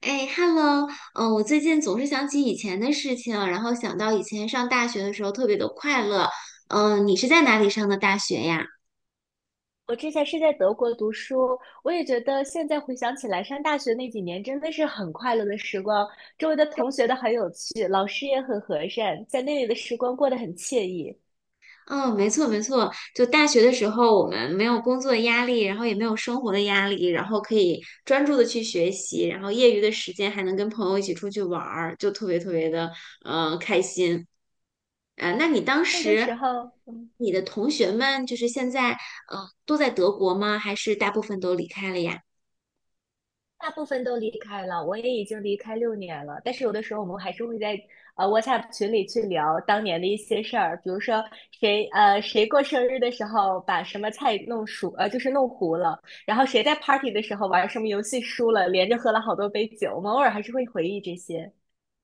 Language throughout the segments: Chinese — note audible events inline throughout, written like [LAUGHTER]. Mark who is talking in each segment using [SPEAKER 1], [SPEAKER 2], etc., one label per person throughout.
[SPEAKER 1] 哎，Hello，嗯，我最近总是想起以前的事情，然后想到以前上大学的时候特别的快乐。嗯，你是在哪里上的大学呀？
[SPEAKER 2] 我之前是在德国读书，我也觉得现在回想起来，上大学那几年真的是很快乐的时光，周围的同学都很有趣，老师也很和善，在那里的时光过得很惬意。
[SPEAKER 1] 嗯，没错没错，就大学的时候我们没有工作的压力，然后也没有生活的压力，然后可以专注的去学习，然后业余的时间还能跟朋友一起出去玩儿，就特别特别的开心。那你当
[SPEAKER 2] 那个
[SPEAKER 1] 时
[SPEAKER 2] 时候。
[SPEAKER 1] 你的同学们就是现在都在德国吗？还是大部分都离开了呀？
[SPEAKER 2] 大部分都离开了，我也已经离开6年了。但是有的时候我们还是会在WhatsApp 群里去聊当年的一些事儿，比如说谁过生日的时候把什么菜弄熟就是弄糊了，然后谁在 party 的时候玩什么游戏输了，连着喝了好多杯酒。我们偶尔还是会回忆这些。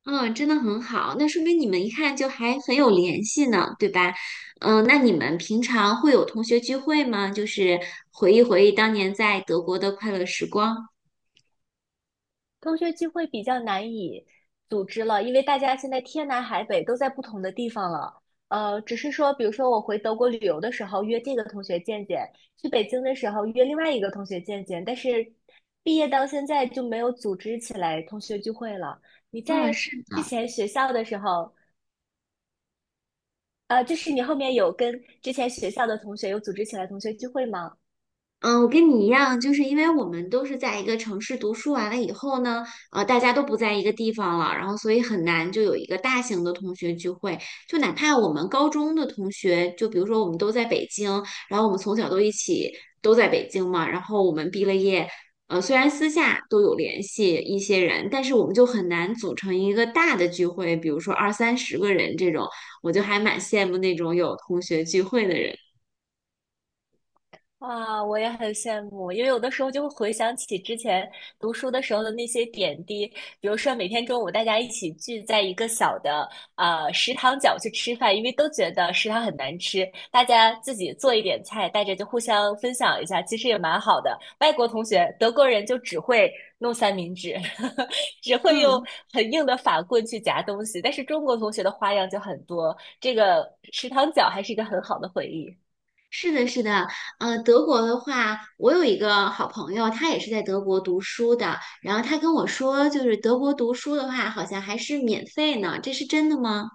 [SPEAKER 1] 嗯，真的很好，那说明你们一看就还很有联系呢，对吧？嗯，那你们平常会有同学聚会吗？就是回忆回忆当年在德国的快乐时光。
[SPEAKER 2] 同学聚会比较难以组织了，因为大家现在天南海北都在不同的地方了。只是说，比如说我回德国旅游的时候约这个同学见见，去北京的时候约另外一个同学见见，但是毕业到现在就没有组织起来同学聚会了。你
[SPEAKER 1] 嗯，
[SPEAKER 2] 在
[SPEAKER 1] 是
[SPEAKER 2] 之
[SPEAKER 1] 的。
[SPEAKER 2] 前学校的时候，就是你后面有跟之前学校的同学有组织起来同学聚会吗？
[SPEAKER 1] 嗯，我跟你一样，就是因为我们都是在一个城市读书完了以后呢，大家都不在一个地方了，然后所以很难就有一个大型的同学聚会。就哪怕我们高中的同学，就比如说我们都在北京，然后我们从小都一起都在北京嘛，然后我们毕了业，虽然私下都有联系一些人，但是我们就很难组成一个大的聚会，比如说二三十个人这种，我就还蛮羡慕那种有同学聚会的人。
[SPEAKER 2] 啊，我也很羡慕，因为有的时候就会回想起之前读书的时候的那些点滴，比如说每天中午大家一起聚在一个小的食堂角去吃饭，因为都觉得食堂很难吃，大家自己做一点菜，大家就互相分享一下，其实也蛮好的。外国同学，德国人就只会弄三明治，[LAUGHS] 只会用
[SPEAKER 1] 嗯。
[SPEAKER 2] 很硬的法棍去夹东西，但是中国同学的花样就很多，这个食堂角还是一个很好的回忆。
[SPEAKER 1] 是的，是的，德国的话，我有一个好朋友，他也是在德国读书的，然后他跟我说，就是德国读书的话，好像还是免费呢，这是真的吗？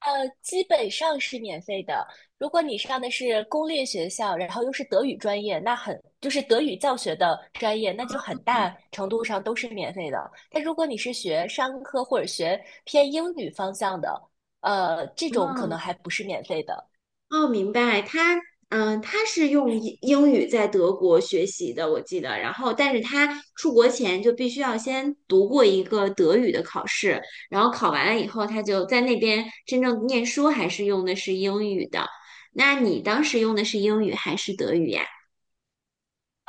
[SPEAKER 2] 基本上是免费的。如果你上的是公立学校，然后又是德语专业，就是德语教学的专业，那就很大程度上都是免费的。但如果你是学商科或者学偏英语方向的，这种可能
[SPEAKER 1] 嗯，
[SPEAKER 2] 还不是免费的。
[SPEAKER 1] 哦，明白，他，嗯、他是用英语在德国学习的，我记得，然后，但是他出国前就必须要先读过一个德语的考试，然后考完了以后，他就在那边真正念书，还是用的是英语的。那你当时用的是英语还是德语呀？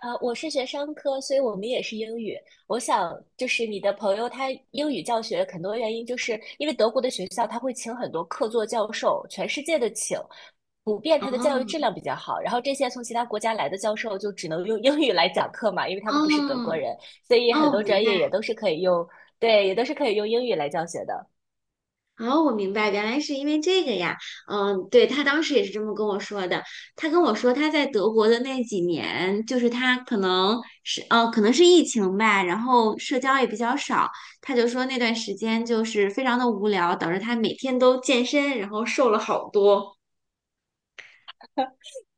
[SPEAKER 2] 我是学商科，所以我们也是英语。我想，就是你的朋友他英语教学很多原因，就是因为德国的学校他会请很多客座教授，全世界的请，普遍他的教育
[SPEAKER 1] 啊。
[SPEAKER 2] 质量比较好。然后这些从其他国家来的教授就只能用英语来讲课嘛，因为他们不是德国
[SPEAKER 1] 哦
[SPEAKER 2] 人，所以很
[SPEAKER 1] 哦，
[SPEAKER 2] 多
[SPEAKER 1] 明
[SPEAKER 2] 专业也
[SPEAKER 1] 白。
[SPEAKER 2] 都是可以用，对，也都是可以用英语来教学的。
[SPEAKER 1] 哦，我明白，原来是因为这个呀。嗯，对，他当时也是这么跟我说的。他跟我说他在德国的那几年，就是他可能是可能是疫情吧，然后社交也比较少。他就说那段时间就是非常的无聊，导致他每天都健身，然后瘦了好多。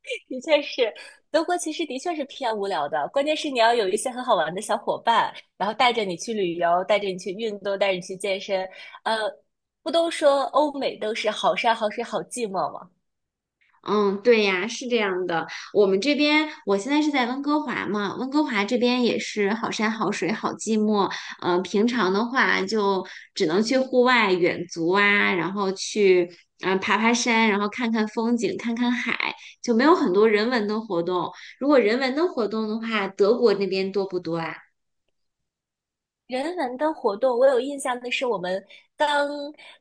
[SPEAKER 2] [LAUGHS] 的确是，德国其实的确是偏无聊的，关键是你要有一些很好玩的小伙伴，然后带着你去旅游，带着你去运动，带着你去健身。呃，不都说欧美都是好山好水好寂寞吗？
[SPEAKER 1] 嗯，对呀，是这样的。我们这边，我现在是在温哥华嘛，温哥华这边也是好山好水好寂寞。平常的话就只能去户外远足啊，然后去嗯、爬爬山，然后看看风景，看看海，就没有很多人文的活动。如果人文的活动的话，德国那边多不多啊？
[SPEAKER 2] 人文的活动，我有印象的是，我们刚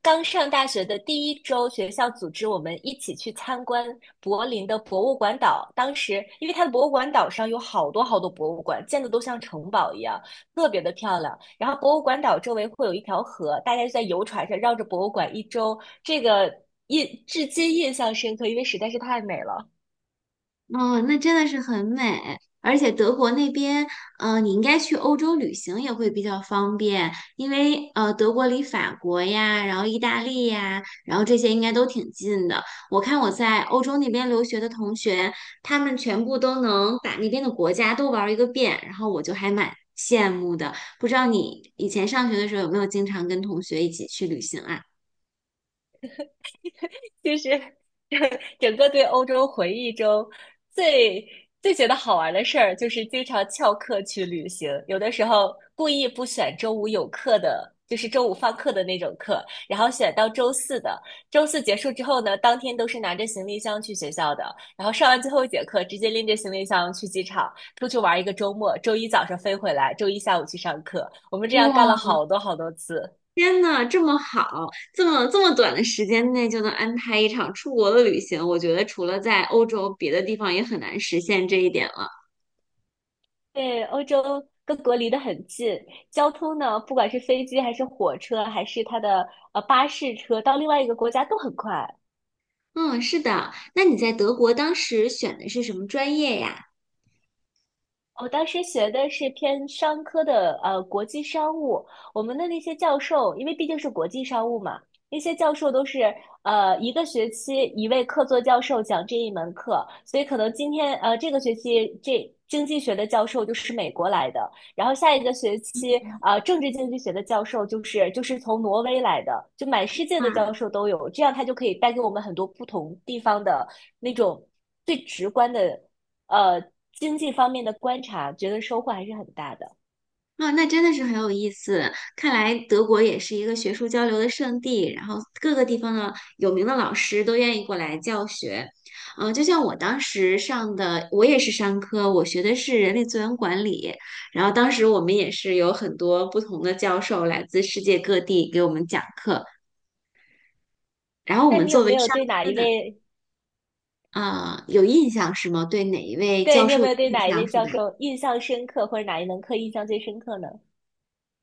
[SPEAKER 2] 刚上大学的第一周，学校组织我们一起去参观柏林的博物馆岛。当时，因为它的博物馆岛上有好多好多博物馆，建的都像城堡一样，特别的漂亮。然后，博物馆岛周围会有一条河，大家就在游船上绕着博物馆一周。这个至今印象深刻，因为实在是太美了。
[SPEAKER 1] 哦，那真的是很美，而且德国那边，你应该去欧洲旅行也会比较方便，因为德国离法国呀，然后意大利呀，然后这些应该都挺近的。我看我在欧洲那边留学的同学，他们全部都能把那边的国家都玩儿一个遍，然后我就还蛮羡慕的。不知道你以前上学的时候有没有经常跟同学一起去旅行啊？
[SPEAKER 2] 就是整个对欧洲回忆中最最觉得好玩的事儿，就是经常翘课去旅行，有的时候故意不选周五有课的。就是周五放课的那种课，然后选到周四的。周四结束之后呢，当天都是拿着行李箱去学校的，然后上完最后一节课，直接拎着行李箱去机场，出去玩一个周末。周一早上飞回来，周一下午去上课。我们这样干
[SPEAKER 1] 哇！
[SPEAKER 2] 了好多好多次。
[SPEAKER 1] 天呐，这么好，这么短的时间内就能安排一场出国的旅行，我觉得除了在欧洲，别的地方也很难实现这一点了。
[SPEAKER 2] 对，欧洲各国离得很近，交通呢，不管是飞机还是火车，还是它的巴士车，到另外一个国家都很快。
[SPEAKER 1] 嗯，是的。那你在德国当时选的是什么专业呀？
[SPEAKER 2] 我当时学的是偏商科的，国际商务。我们的那些教授，因为毕竟是国际商务嘛，那些教授都是一个学期一位客座教授讲这一门课，所以可能这个学期这经济学的教授就是美国来的，然后下一个学期啊，政治经济学的教授就是从挪威来的，就满世界的教
[SPEAKER 1] 啊
[SPEAKER 2] 授都有，这样他就可以带给我们很多不同地方的那种最直观的。呃经济方面的观察，觉得收获还是很大的。
[SPEAKER 1] 啊，那真的是很有意思。看来德国也是一个学术交流的圣地，然后各个地方的有名的老师都愿意过来教学。嗯、就像我当时上的，我也是商科，我学的是人力资源管理。然后当时我们也是有很多不同的教授来自世界各地给我们讲课。然后我
[SPEAKER 2] 但
[SPEAKER 1] 们
[SPEAKER 2] 你有
[SPEAKER 1] 作为
[SPEAKER 2] 没有
[SPEAKER 1] 商
[SPEAKER 2] 对哪
[SPEAKER 1] 科
[SPEAKER 2] 一
[SPEAKER 1] 的，
[SPEAKER 2] 位，
[SPEAKER 1] 啊、有印象是吗？对哪一位
[SPEAKER 2] 对，
[SPEAKER 1] 教
[SPEAKER 2] 你有
[SPEAKER 1] 授
[SPEAKER 2] 没
[SPEAKER 1] 有
[SPEAKER 2] 有对
[SPEAKER 1] 印
[SPEAKER 2] 哪一
[SPEAKER 1] 象
[SPEAKER 2] 位
[SPEAKER 1] 是吧？
[SPEAKER 2] 教授印象深刻，或者哪一门课印象最深刻呢？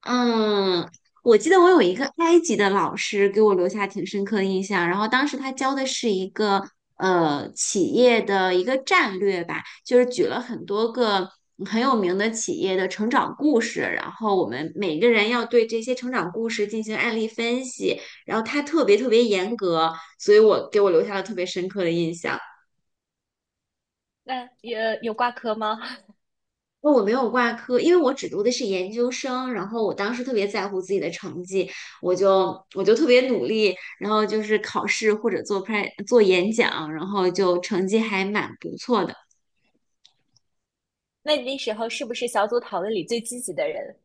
[SPEAKER 1] 嗯，我记得我有一个埃及的老师给我留下挺深刻的印象，然后当时他教的是一个企业的一个战略吧，就是举了很多个很有名的企业的成长故事，然后我们每个人要对这些成长故事进行案例分析，然后他特别特别严格，所以我给我留下了特别深刻的印象。
[SPEAKER 2] 那有挂科吗？
[SPEAKER 1] 我没有挂科，因为我只读的是研究生，然后我当时特别在乎自己的成绩，我就特别努力，然后就是考试或者做 p 做演讲，然后就成绩还蛮不错的。
[SPEAKER 2] [LAUGHS] 那你那时候是不是小组讨论里最积极的人？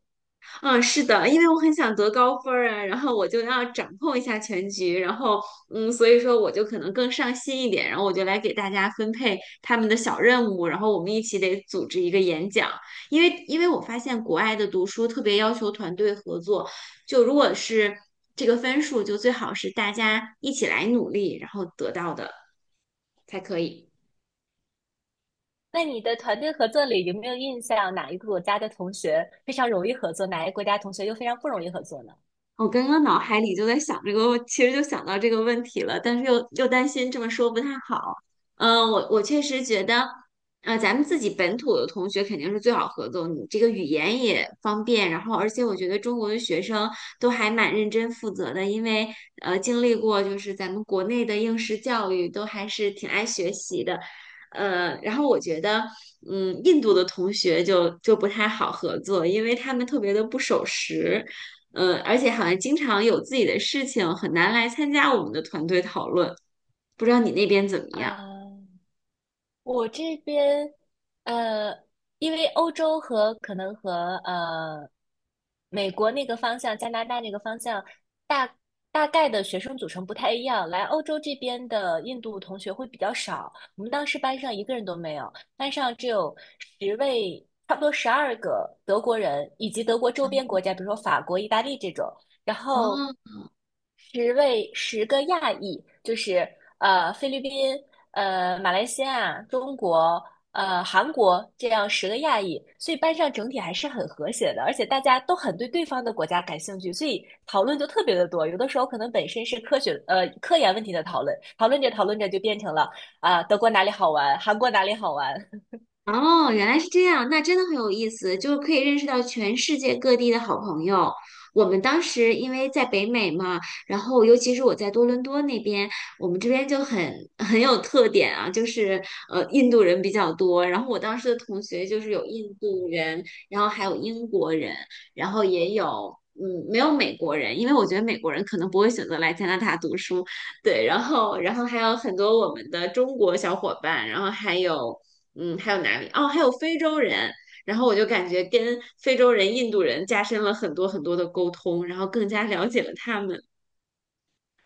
[SPEAKER 1] 嗯，是的，因为我很想得高分儿啊，然后我就要掌控一下全局，然后嗯，所以说我就可能更上心一点，然后我就来给大家分配他们的小任务，然后我们一起得组织一个演讲，因为我发现国外的读书特别要求团队合作，就如果是这个分数，就最好是大家一起来努力，然后得到的才可以。
[SPEAKER 2] 那你的团队合作里有没有印象哪一个国家的同学非常容易合作，哪一个国家同学又非常不容易合作呢？
[SPEAKER 1] 我刚刚脑海里就在想这个问，其实就想到这个问题了，但是又担心这么说不太好。嗯、我确实觉得，咱们自己本土的同学肯定是最好合作，你这个语言也方便，然后而且我觉得中国的学生都还蛮认真负责的，因为经历过就是咱们国内的应试教育，都还是挺爱学习的。然后我觉得，嗯，印度的同学就不太好合作，因为他们特别的不守时。嗯，而且好像经常有自己的事情，很难来参加我们的团队讨论。不知道你那边怎么样？
[SPEAKER 2] 啊、我这边，呃，因为欧洲和可能和呃美国那个方向、加拿大那个方向，大大概的学生组成不太一样。来欧洲这边的印度同学会比较少，我们当时班上一个人都没有，班上只有十位，差不多12个德国人，以及德国周边国家，比如说法国、意大利这种。然后
[SPEAKER 1] 啊？
[SPEAKER 2] 十位十个亚裔，就是菲律宾、马来西亚、中国、韩国这样十个亚裔，所以班上整体还是很和谐的，而且大家都很对对方的国家感兴趣，所以讨论就特别的多。有的时候可能本身是科研问题的讨论，讨论着讨论着就变成了啊、德国哪里好玩，韩国哪里好玩，
[SPEAKER 1] 哦，原来是这样，那真的很有意思，就是可以认识到全世界各地的好朋友。我们当时因为在北美嘛，然后尤其是我在多伦多那边，我们这边就很 [LAUGHS] 很有特点啊，就是印度人比较多。然后我当时的同学就是有印度人，然后还有英国人，然后也有嗯没有美国人，因为我觉得美国人可能不会选择来加拿大读书，对，然后还有很多我们的中国小伙伴，然后还有。嗯，还有哪里？哦，还有非洲人。然后我就感觉跟非洲人、印度人加深了很多很多的沟通，然后更加了解了他们，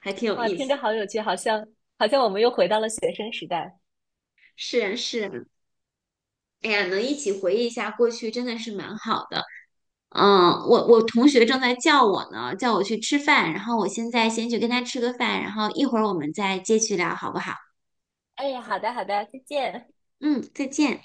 [SPEAKER 1] 还挺有
[SPEAKER 2] 哇，
[SPEAKER 1] 意
[SPEAKER 2] 听着
[SPEAKER 1] 思。
[SPEAKER 2] 好有趣，好像我们又回到了学生时代。
[SPEAKER 1] 是啊，是啊。哎呀，能一起回忆一下过去，真的是蛮好的。嗯，我同学正在叫我呢，叫我去吃饭，然后我现在先去跟他吃个饭，然后一会儿我们再接续聊，好不好？
[SPEAKER 2] 哎，好的好的，再见。
[SPEAKER 1] 嗯，再见。